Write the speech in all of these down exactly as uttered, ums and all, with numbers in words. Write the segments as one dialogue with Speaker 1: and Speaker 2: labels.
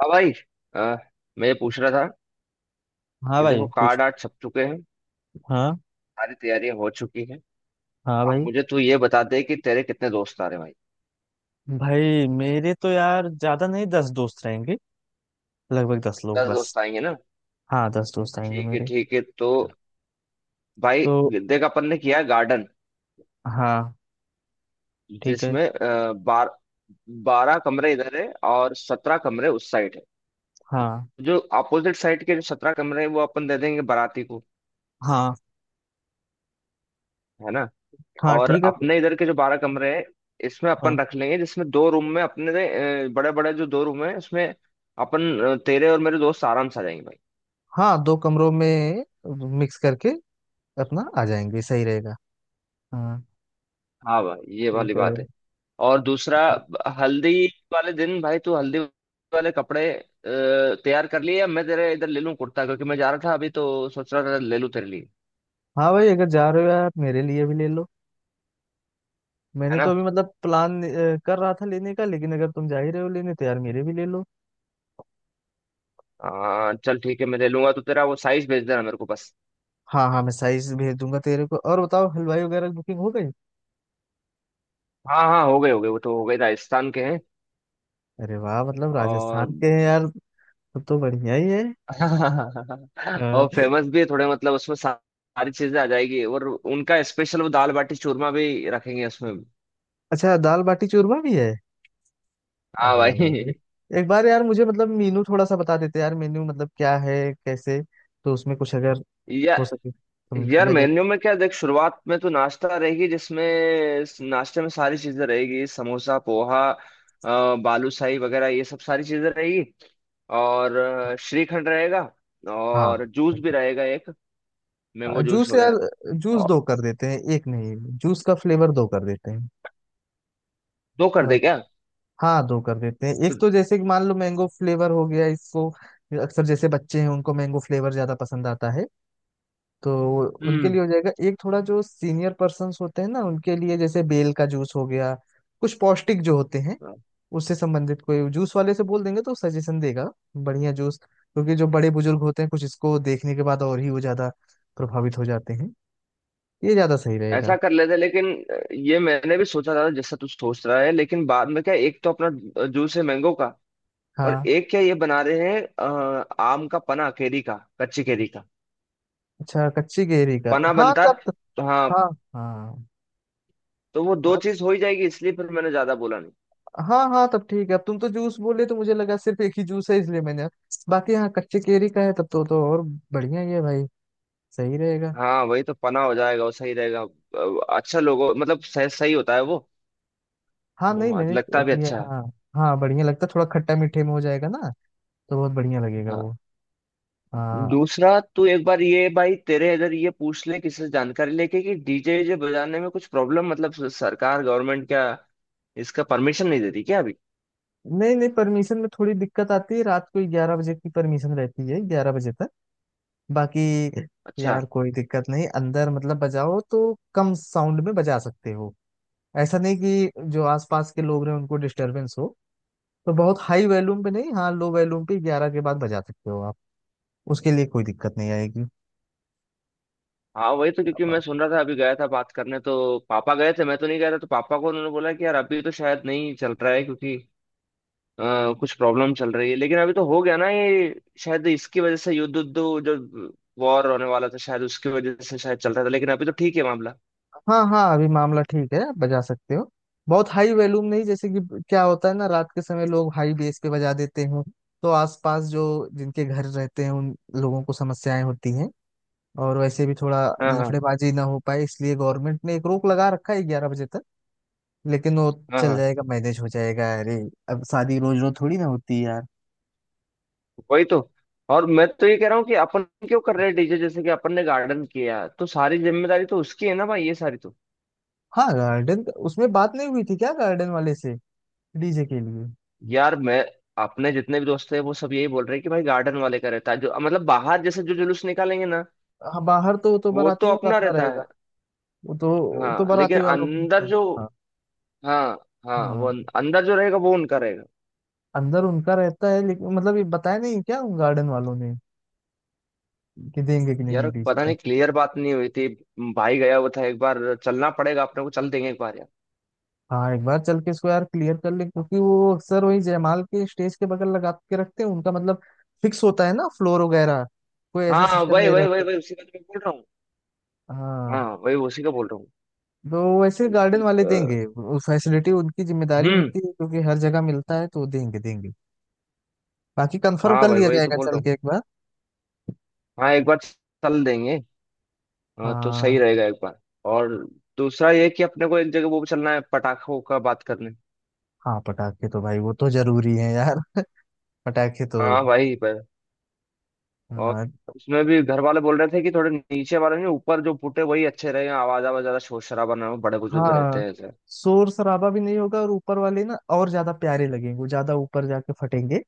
Speaker 1: हाँ भाई। आ, मैं ये पूछ रहा था
Speaker 2: हाँ
Speaker 1: कि
Speaker 2: भाई,
Speaker 1: देखो
Speaker 2: कुछ?
Speaker 1: कार्ड आर्ट छप चुके हैं।
Speaker 2: हाँ।
Speaker 1: सारी तैयारियां हो चुकी हैं।
Speaker 2: हाँ
Speaker 1: अब
Speaker 2: भाई।
Speaker 1: मुझे तू ये बता दे कि तेरे कितने दोस्त आ रहे हैं भाई।
Speaker 2: भाई, मेरे तो यार ज्यादा नहीं, दस दोस्त रहेंगे। लगभग दस लोग
Speaker 1: दस
Speaker 2: बस।
Speaker 1: दोस्त आएंगे ना?
Speaker 2: हाँ, दस दोस्त आएंगे
Speaker 1: ठीक है
Speaker 2: मेरे।
Speaker 1: ठीक है तो भाई
Speaker 2: तो
Speaker 1: देख अपन ने किया गार्डन
Speaker 2: हाँ, ठीक है।
Speaker 1: जिसमें आ, बार बारह कमरे इधर है और सत्रह कमरे उस साइड है।
Speaker 2: हाँ।
Speaker 1: जो अपोजिट साइड के जो सत्रह कमरे हैं वो अपन दे देंगे बाराती को,
Speaker 2: हाँ।
Speaker 1: है ना।
Speaker 2: हाँ,
Speaker 1: और
Speaker 2: ठीक है।
Speaker 1: अपने इधर के जो बारह कमरे हैं, इसमें
Speaker 2: हाँ।
Speaker 1: अपन रख लेंगे जिसमें दो रूम में अपने बड़े बड़े जो दो रूम है उसमें अपन अ, तेरे और मेरे दोस्त आराम से आ जाएंगे भाई।
Speaker 2: हाँ, दो कमरों में मिक्स करके अपना आ जाएंगे, सही रहेगा। हाँ,
Speaker 1: हाँ भाई ये वाली
Speaker 2: ठीक है।
Speaker 1: बात है। और दूसरा ब- हल्दी वाले दिन भाई तू हल्दी वाले कपड़े अ, तैयार कर लिए या मैं तेरे इधर ले लूँ कुर्ता क्योंकि मैं जा रहा था अभी तो सोच रहा था ले लूँ तेरे लिए,
Speaker 2: हाँ भाई, अगर जा रहे हो यार, मेरे लिए भी ले लो।
Speaker 1: है
Speaker 2: मैंने तो
Speaker 1: ना।
Speaker 2: अभी मतलब प्लान अ, कर रहा था लेने का, लेकिन अगर तुम जा ही रहे हो लेने तो यार मेरे भी ले लो।
Speaker 1: आ, चल ठीक है मैं ले लूंगा तो तेरा वो साइज भेज देना मेरे को बस।
Speaker 2: हाँ हाँ, मैं साइज भेज दूंगा तेरे को। और बताओ हलवाई वगैरह की बुकिंग हो गई?
Speaker 1: हाँ हाँ हो गए हो गए वो तो हो गए राजस्थान के हैं।
Speaker 2: अरे वाह, मतलब
Speaker 1: और
Speaker 2: राजस्थान के हैं यार। तब तो बढ़िया ही है। हाँ।
Speaker 1: और फेमस भी है थोड़े मतलब उसमें सा- सारी चीजें आ जाएगी और उनका स्पेशल वो दाल बाटी चूरमा भी रखेंगे उसमें भी।
Speaker 2: अच्छा, दाल बाटी चूरमा भी है?
Speaker 1: हाँ
Speaker 2: अरे वाह भाई।
Speaker 1: भाई।
Speaker 2: एक बार यार मुझे मतलब मेनू थोड़ा सा बता देते यार, मेन्यू मतलब क्या है, कैसे, तो उसमें कुछ अगर
Speaker 1: या
Speaker 2: हो सके तो
Speaker 1: यार
Speaker 2: लिया जाए।
Speaker 1: मेन्यू में क्या देख, शुरुआत में तो नाश्ता रहेगी जिसमें, इस नाश्ते में सारी चीजें रहेगी, समोसा पोहा अ, बालूशाही वगैरह ये सब सारी चीजें रहेगी। और अ, श्रीखंड रहेगा
Speaker 2: हाँ।
Speaker 1: और जूस भी
Speaker 2: तो,
Speaker 1: रहेगा एक
Speaker 2: अ,
Speaker 1: मैंगो जूस
Speaker 2: जूस
Speaker 1: वगैरह।
Speaker 2: यार। जूस
Speaker 1: और
Speaker 2: दो कर देते हैं, एक नहीं। जूस का फ्लेवर दो कर देते हैं
Speaker 1: दो कर
Speaker 2: थोड़ा।
Speaker 1: दे क्या?
Speaker 2: हाँ, दो कर देते हैं। एक
Speaker 1: तो
Speaker 2: तो जैसे कि मान लो मैंगो फ्लेवर हो गया इसको, अक्सर जैसे बच्चे हैं उनको मैंगो फ्लेवर ज्यादा पसंद आता है, तो वो- उनके
Speaker 1: हम्म।
Speaker 2: लिए हो जाएगा एक। थोड़ा जो सीनियर पर्सन्स होते हैं ना, उनके लिए जैसे बेल का जूस हो गया, कुछ पौष्टिक जो होते हैं उससे संबंधित कोई जूस वाले से बोल देंगे तो सजेशन देगा बढ़िया जूस। क्योंकि जो बड़े बुजुर्ग होते हैं कुछ इसको देखने के बाद और ही वो ज्यादा प्रभावित हो जाते हैं। ये ज्यादा सही
Speaker 1: ऐसा
Speaker 2: रहेगा।
Speaker 1: कर लेते लेकिन ये मैंने भी सोचा था जैसा तू सोच रहा है, लेकिन बाद में क्या एक तो अपना जूस है मैंगो का और
Speaker 2: हाँ।
Speaker 1: एक क्या ये बना रहे हैं अ, आम का पना, केरी का, कच्ची केरी का
Speaker 2: अच्छा, कच्ची गहरी का,
Speaker 1: पना
Speaker 2: हाँ
Speaker 1: बनता है,
Speaker 2: तब तब-
Speaker 1: तो
Speaker 2: हाँ।
Speaker 1: हाँ।
Speaker 2: हाँ।
Speaker 1: तो वो दो
Speaker 2: अब
Speaker 1: चीज हो ही जाएगी इसलिए फिर मैंने ज्यादा बोला नहीं।
Speaker 2: हाँ हाँ, तब ठीक है। अब तुम तो जूस बोले तो मुझे लगा सिर्फ एक ही जूस है, इसलिए मैंने। बाकी हाँ, कच्ची केरी का है तब तो तो और बढ़िया ही है भाई। सही रहेगा।
Speaker 1: हाँ वही तो पना हो जाएगा वो सही रहेगा। अ, अच्छा लोगो मतलब सही सही होता है वो
Speaker 2: हाँ नहीं
Speaker 1: वो
Speaker 2: मैंने
Speaker 1: लगता भी
Speaker 2: लिया।
Speaker 1: अच्छा है।
Speaker 2: हाँ। हाँ बढ़िया लगता, थोड़ा खट्टा मीठे में हो जाएगा ना, तो बहुत बढ़िया लगेगा
Speaker 1: हाँ।
Speaker 2: वो। हाँ।
Speaker 1: दूसरा तू एक बार ये भाई तेरे इधर ये पूछ ले किसी से जानकारी लेके कि डीजे जे बजाने में कुछ प्रॉब्लम, मतलब सरकार गवर्नमेंट क्या इसका परमिशन नहीं देती क्या अभी?
Speaker 2: नहीं नहीं, परमिशन में थोड़ी दिक्कत आती है। रात को ग्यारह बजे की परमिशन रहती है, ग्यारह बजे तक। बाकी
Speaker 1: अच्छा।
Speaker 2: यार कोई दिक्कत नहीं, अंदर मतलब बजाओ तो कम साउंड में बजा सकते हो। ऐसा नहीं कि जो आसपास के लोग रहे उनको डिस्टरबेंस हो, तो बहुत हाई वॉल्यूम पे नहीं। हाँ, लो वॉल्यूम पे ग्यारह के बाद बजा सकते हो आप। उसके लिए कोई दिक्कत नहीं आएगी।
Speaker 1: हाँ वही तो, क्योंकि मैं सुन रहा था, अभी गया था बात करने तो पापा गए थे, मैं तो नहीं गया था, तो पापा को उन्होंने बोला कि यार अभी तो शायद नहीं चल रहा है क्योंकि अ, कुछ प्रॉब्लम चल रही है, लेकिन अभी तो हो गया ना ये, शायद इसकी वजह से युद्ध उद्ध जो वॉर होने वाला था शायद उसकी वजह से शायद चल रहा था, लेकिन अभी तो ठीक है मामला।
Speaker 2: हाँ हाँ, अभी मामला ठीक है, आप बजा सकते हो। बहुत हाई वॉल्यूम नहीं, जैसे कि क्या होता है ना, रात के समय लोग हाई बेस पे बजा देते हैं तो आसपास जो जिनके घर रहते हैं उन लोगों को समस्याएं होती हैं। और वैसे भी थोड़ा
Speaker 1: हाँ हाँ।
Speaker 2: लफड़ेबाजी ना हो पाए, इसलिए गवर्नमेंट ने एक रोक लगा रखा है ग्यारह बजे तक। लेकिन वो
Speaker 1: हाँ
Speaker 2: चल
Speaker 1: हाँ
Speaker 2: जाएगा, मैनेज हो जाएगा। अरे, अब शादी रोज रोज थोड़ी ना होती है यार।
Speaker 1: वही तो। और मैं तो ये कह रहा हूँ कि अपन क्यों कर रहे हैं डीजे, जैसे कि अपन ने गार्डन किया तो सारी जिम्मेदारी तो उसकी है ना भाई, ये सारी तो?
Speaker 2: हाँ, गार्डन, उसमें बात नहीं हुई थी क्या गार्डन वाले से डीजे के लिए?
Speaker 1: यार मैं, अपने जितने भी दोस्त हैं वो सब यही बोल रहे हैं कि भाई गार्डन वाले का रहता है जो, मतलब बाहर जैसे जो जुलूस निकालेंगे ना,
Speaker 2: हाँ, बाहर तो वो तो
Speaker 1: वो तो
Speaker 2: बारातियों का
Speaker 1: अपना
Speaker 2: अपना
Speaker 1: रहता
Speaker 2: रहेगा।
Speaker 1: है।
Speaker 2: वो तो वो तो
Speaker 1: हाँ लेकिन
Speaker 2: बाराती वालों
Speaker 1: अंदर जो,
Speaker 2: का।
Speaker 1: हाँ हाँ वो
Speaker 2: हाँ,
Speaker 1: अं- अंदर जो रहेगा वो उनका रहेगा।
Speaker 2: अंदर उनका रहता है, लेकिन मतलब ये बताया नहीं क्या गार्डन वालों ने कि देंगे कि
Speaker 1: यार
Speaker 2: नहीं डीजे
Speaker 1: पता
Speaker 2: का?
Speaker 1: नहीं क्लियर बात नहीं हुई थी भाई, गया हुआ था एक बार, चलना पड़ेगा अपने को, चल देंगे एक बार यार।
Speaker 2: हाँ, एक बार चल के इसको यार क्लियर कर ले, क्योंकि वो अक्सर वही जयमाल के स्टेज के बगल लगा के रखते हैं, उनका मतलब फिक्स होता है ना फ्लोर वगैरह, कोई ऐसा
Speaker 1: हाँ
Speaker 2: सिस्टम
Speaker 1: वही
Speaker 2: नहीं
Speaker 1: वही वही
Speaker 2: रहता।
Speaker 1: वही उसी का तो मैं बोल रहा हूँ।
Speaker 2: हाँ,
Speaker 1: हाँ वही उसी का बोल रहा हूँ।
Speaker 2: तो वैसे
Speaker 1: कि,
Speaker 2: गार्डन वाले
Speaker 1: अ,
Speaker 2: देंगे वो फैसिलिटी, उनकी जिम्मेदारी
Speaker 1: हम्म।
Speaker 2: होती है, क्योंकि हर जगह मिलता है, तो वो देंगे देंगे। बाकी कंफर्म
Speaker 1: हाँ
Speaker 2: कर
Speaker 1: भाई
Speaker 2: लिया
Speaker 1: वही तो
Speaker 2: जाएगा
Speaker 1: बोल
Speaker 2: चल
Speaker 1: रहा हूँ।
Speaker 2: के एक बार।
Speaker 1: हाँ एक बार चल देंगे। हाँ तो
Speaker 2: हाँ
Speaker 1: सही रहेगा एक बार। और दूसरा ये कि अपने को एक जगह वो भी चलना है पटाखों का बात करने।
Speaker 2: हाँ, पटाखे तो भाई वो तो जरूरी है यार पटाखे तो।
Speaker 1: हाँ भाई पर। और
Speaker 2: हाँ।
Speaker 1: उसमें भी घर वाले बोल रहे थे कि थोड़े नीचे वाले नहीं, ऊपर जो पुटे वही अच्छे रहे, आवाज आवाज ज्यादा शोर शराबा ना हो, बड़े बुजुर्ग रहते
Speaker 2: हाँ,
Speaker 1: हैं ऐसे।
Speaker 2: शोर शराबा भी नहीं होगा, और ऊपर वाले ना और ज्यादा प्यारे लगेंगे, वो ज्यादा ऊपर जाके फटेंगे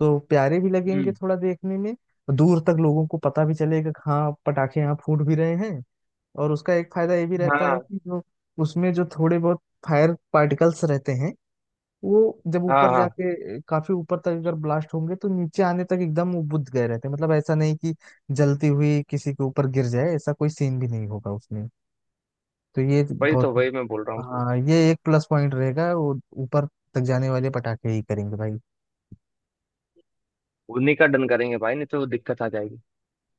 Speaker 2: तो प्यारे भी लगेंगे
Speaker 1: हम्म।
Speaker 2: थोड़ा देखने में। दूर तक लोगों को पता भी चलेगा कि हाँ पटाखे यहाँ फूट भी रहे हैं। और उसका एक फायदा ये भी रहता है
Speaker 1: हाँ
Speaker 2: कि जो उसमें जो थोड़े बहुत फायर पार्टिकल्स रहते हैं, वो जब
Speaker 1: हाँ।
Speaker 2: ऊपर
Speaker 1: हाँ
Speaker 2: जाके काफी ऊपर तक अगर ब्लास्ट होंगे तो नीचे आने तक एकदम वो बुझ गए रहते हैं। मतलब ऐसा नहीं कि जलती हुई किसी के ऊपर गिर जाए, ऐसा कोई सीन भी नहीं होगा उसमें। तो ये
Speaker 1: वही तो,
Speaker 2: बहुत।
Speaker 1: वही मैं बोल रहा हूँ कि
Speaker 2: हाँ, ये एक प्लस पॉइंट रहेगा। वो ऊपर तक जाने वाले पटाखे ही करेंगे भाई।
Speaker 1: उन्हीं का डन करेंगे भाई, नहीं तो दिक्कत आ जाएगी।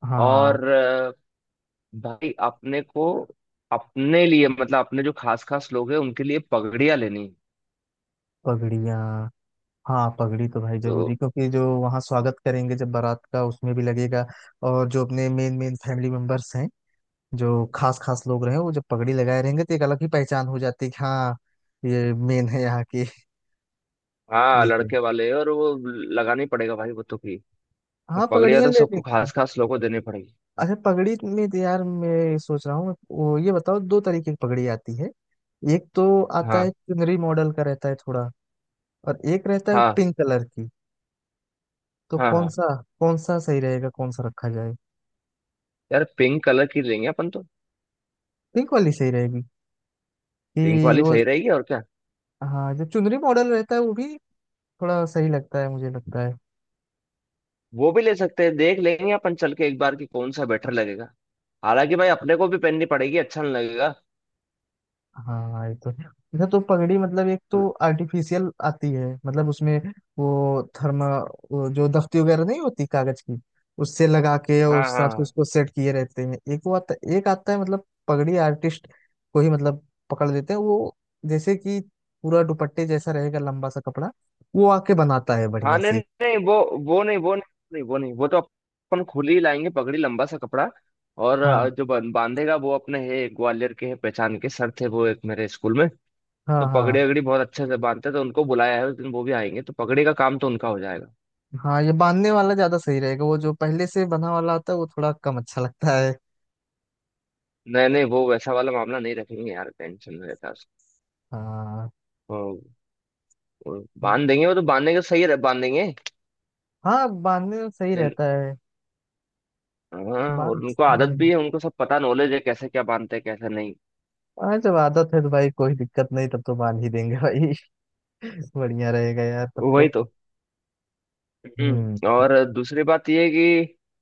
Speaker 2: हाँ,
Speaker 1: और अ, भाई अपने को अपने लिए मतलब अपने जो खास खास लोग हैं उनके लिए पगड़ियाँ लेनी है।
Speaker 2: पगड़ियाँ। हाँ, पगड़ी तो भाई जरूरी,
Speaker 1: तो
Speaker 2: क्योंकि जो वहाँ स्वागत करेंगे जब बारात का, उसमें भी लगेगा। और जो अपने मेन मेन फैमिली मेंबर्स हैं, जो खास खास लोग रहे हैं, वो जब पगड़ी लगाए रहेंगे तो एक अलग ही पहचान हो जाती है कि हाँ, ये मेन है यहाँ के,
Speaker 1: हाँ
Speaker 2: ये थे।
Speaker 1: लड़के वाले और वो लगानी पड़ेगा भाई वो तो भी,
Speaker 2: हाँ,
Speaker 1: पगड़ियाँ
Speaker 2: पगड़ियाँ
Speaker 1: तो
Speaker 2: ले
Speaker 1: सबको
Speaker 2: लेंगे।
Speaker 1: खास खास लोगों को देनी पड़ेगी।
Speaker 2: अच्छा, पगड़ी में तो यार मैं सोच रहा हूँ। वो ये बताओ, दो तरीके की पगड़ी आती है, एक तो आता है
Speaker 1: हाँ
Speaker 2: चुनरी मॉडल का रहता है थोड़ा, और एक रहता है
Speaker 1: हाँ।
Speaker 2: पिंक कलर की। तो
Speaker 1: हाँ
Speaker 2: कौन
Speaker 1: हाँ।
Speaker 2: सा, कौन सा सही रहेगा, कौन सा रखा जाए?
Speaker 1: यार पिंक कलर की लेंगे अपन तो।
Speaker 2: पिंक वाली सही रहेगी,
Speaker 1: पिंक
Speaker 2: कि
Speaker 1: वाली
Speaker 2: वो।
Speaker 1: सही रहेगी और क्या।
Speaker 2: हाँ, जो चुनरी मॉडल रहता है वो भी थोड़ा सही लगता है, मुझे लगता है।
Speaker 1: वो भी ले सकते हैं, देख लेंगे अपन चल के एक बार कि कौन सा बेटर लगेगा। हालांकि भाई अपने को भी पहननी पड़ेगी, अच्छा नहीं लगेगा।
Speaker 2: हाँ, ये तो है। अच्छा, तो पगड़ी मतलब एक
Speaker 1: हाँ
Speaker 2: तो आर्टिफिशियल आती है, मतलब उसमें वो थर्मा, वो जो दफ्ती वगैरह नहीं होती कागज की, उससे लगा के और उस
Speaker 1: हाँ।
Speaker 2: हिसाब से
Speaker 1: हाँ
Speaker 2: उसको सेट किए रहते हैं। एक वो आता, एक आता है मतलब पगड़ी आर्टिस्ट को ही मतलब पकड़ लेते हैं वो, जैसे कि पूरा दुपट्टे जैसा रहेगा लंबा सा कपड़ा, वो आके बनाता है
Speaker 1: हाँ।
Speaker 2: बढ़िया
Speaker 1: नहीं
Speaker 2: से।
Speaker 1: नहीं वो, वो नहीं वो नहीं वो नहीं, वो तो अपन खुली ही लाएंगे पगड़ी, लंबा सा कपड़ा। और
Speaker 2: हाँ
Speaker 1: अ, जो बन- बांधेगा वो अपने है ग्वालियर के, है पहचान के, सर थे वो एक मेरे स्कूल में।
Speaker 2: हाँ
Speaker 1: तो
Speaker 2: हाँ
Speaker 1: पगड़ी वगड़ी बहुत अच्छे से बांधते हैं, तो उनको बुलाया है उस दिन, वो भी आएंगे तो पगड़ी का काम तो उनका हो जाएगा।
Speaker 2: हाँ, ये बांधने वाला ज्यादा सही रहेगा। वो जो पहले से बना वाला आता है वो थोड़ा कम अच्छा लगता है।
Speaker 1: नहीं नहीं वो वैसा वाला मामला नहीं रखेंगे यार, टेंशन में रहता है उसको।
Speaker 2: हाँ
Speaker 1: वो- वो बांध देंगे, वो तो बांधने का सही रह बांध देंगे।
Speaker 2: हाँ, बांधने में सही
Speaker 1: लेकिन,
Speaker 2: रहता है।
Speaker 1: हाँ, और
Speaker 2: बांध
Speaker 1: उनको आदत भी
Speaker 2: हम्म,
Speaker 1: है, उनको सब पता, नॉलेज है कैसे क्या बांधते हैं कैसे नहीं।
Speaker 2: हाँ, जब आदत है तो भाई कोई दिक्कत नहीं, तब तो बांध ही देंगे भाई बढ़िया रहेगा यार तब तो।
Speaker 1: वही तो।
Speaker 2: हम्म।
Speaker 1: हम्म, और दूसरी बात ये है कि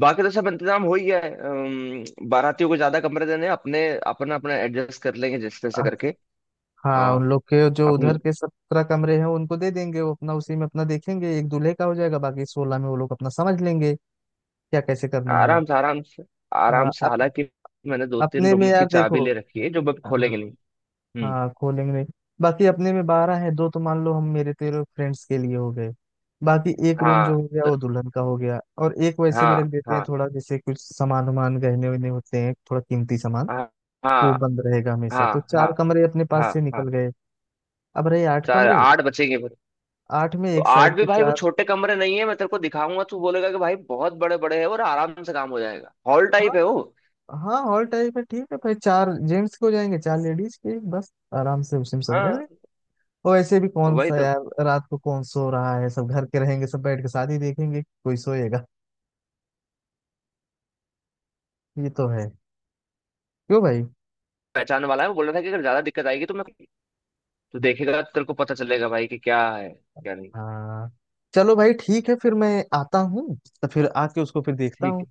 Speaker 1: बाकी तो सब इंतजाम हो ही गया है, अम, बारातियों को ज्यादा कमरे देने हैं, अपने अपना अपना एडजस्ट कर लेंगे जिस तरह से
Speaker 2: अ-
Speaker 1: करके।
Speaker 2: हाँ, उन
Speaker 1: और
Speaker 2: लोग के जो
Speaker 1: अपन
Speaker 2: उधर के सत्रह कमरे हैं उनको दे देंगे, वो अपना उसी में अपना देखेंगे, एक दूल्हे का हो जाएगा, बाकी सोलह में वो लोग अपना समझ लेंगे क्या कैसे करना है।
Speaker 1: आराम से आराम से
Speaker 2: अ,
Speaker 1: आराम से,
Speaker 2: अप,
Speaker 1: हालांकि मैंने दो तीन
Speaker 2: अपने में
Speaker 1: रूम
Speaker 2: यार
Speaker 1: की चाबी
Speaker 2: देखो।
Speaker 1: ले रखी है जो मैं खोलेंगे नहीं। हम्म।
Speaker 2: हाँ, खोलेंगे नहीं। बाकी अपने में बारह है, दो तो मान लो हम मेरे तेरे फ्रेंड्स के लिए हो गए, बाकी एक रूम जो
Speaker 1: हाँ
Speaker 2: हो गया
Speaker 1: तो,
Speaker 2: वो दुल्हन का हो गया, और एक वैसे भी
Speaker 1: हाँ
Speaker 2: रख देते हैं,
Speaker 1: हाँ।
Speaker 2: थोड़ा जैसे कुछ सामान वामान, गहने वहने होते हैं, थोड़ा कीमती सामान,
Speaker 1: हाँ
Speaker 2: वो
Speaker 1: हाँ।
Speaker 2: बंद रहेगा हमेशा।
Speaker 1: हाँ
Speaker 2: तो
Speaker 1: हाँ।
Speaker 2: चार कमरे अपने पास
Speaker 1: हाँ
Speaker 2: से
Speaker 1: हाँ।
Speaker 2: निकल गए, अब रहे आठ
Speaker 1: चार
Speaker 2: कमरे।
Speaker 1: आठ बचेंगे फिर।
Speaker 2: आठ में
Speaker 1: तो
Speaker 2: एक
Speaker 1: आठ
Speaker 2: साइड
Speaker 1: भी
Speaker 2: के
Speaker 1: भाई वो
Speaker 2: चार।
Speaker 1: छोटे कमरे नहीं है, मैं तेरे को दिखाऊंगा तू बोलेगा कि भाई बहुत बड़े बड़े हैं और आराम से काम हो जाएगा, हॉल
Speaker 2: हाँ
Speaker 1: टाइप है वो।
Speaker 2: हाँ, हॉल टाइप है, ठीक है भाई, चार जेंट्स के हो जाएंगे, चार लेडीज के बस, आराम से उसी में सब रह
Speaker 1: हाँ
Speaker 2: लें। और ऐसे भी कौन
Speaker 1: वही
Speaker 2: सा
Speaker 1: तो।
Speaker 2: यार रात को कौन सो रहा है, सब घर के रहेंगे, सब बैठ के शादी देखेंगे, कोई सोएगा? ये तो है। क्यों भाई?
Speaker 1: पहचान वाला है, वो बोल रहा था कि अगर ज्यादा दिक्कत आएगी तो मैं, तू देखेगा तो तेरे को पता चलेगा भाई कि क्या है क्या नहीं।
Speaker 2: हाँ, चलो भाई ठीक है, फिर मैं आता हूँ, तो फिर आके उसको फिर देखता
Speaker 1: ठीक
Speaker 2: हूँ।
Speaker 1: है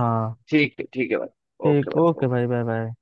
Speaker 2: हाँ।
Speaker 1: ठीक है। ठीक है भाई, ओके
Speaker 2: ठीक,
Speaker 1: भाई।
Speaker 2: ओके भाई, बाय बाय।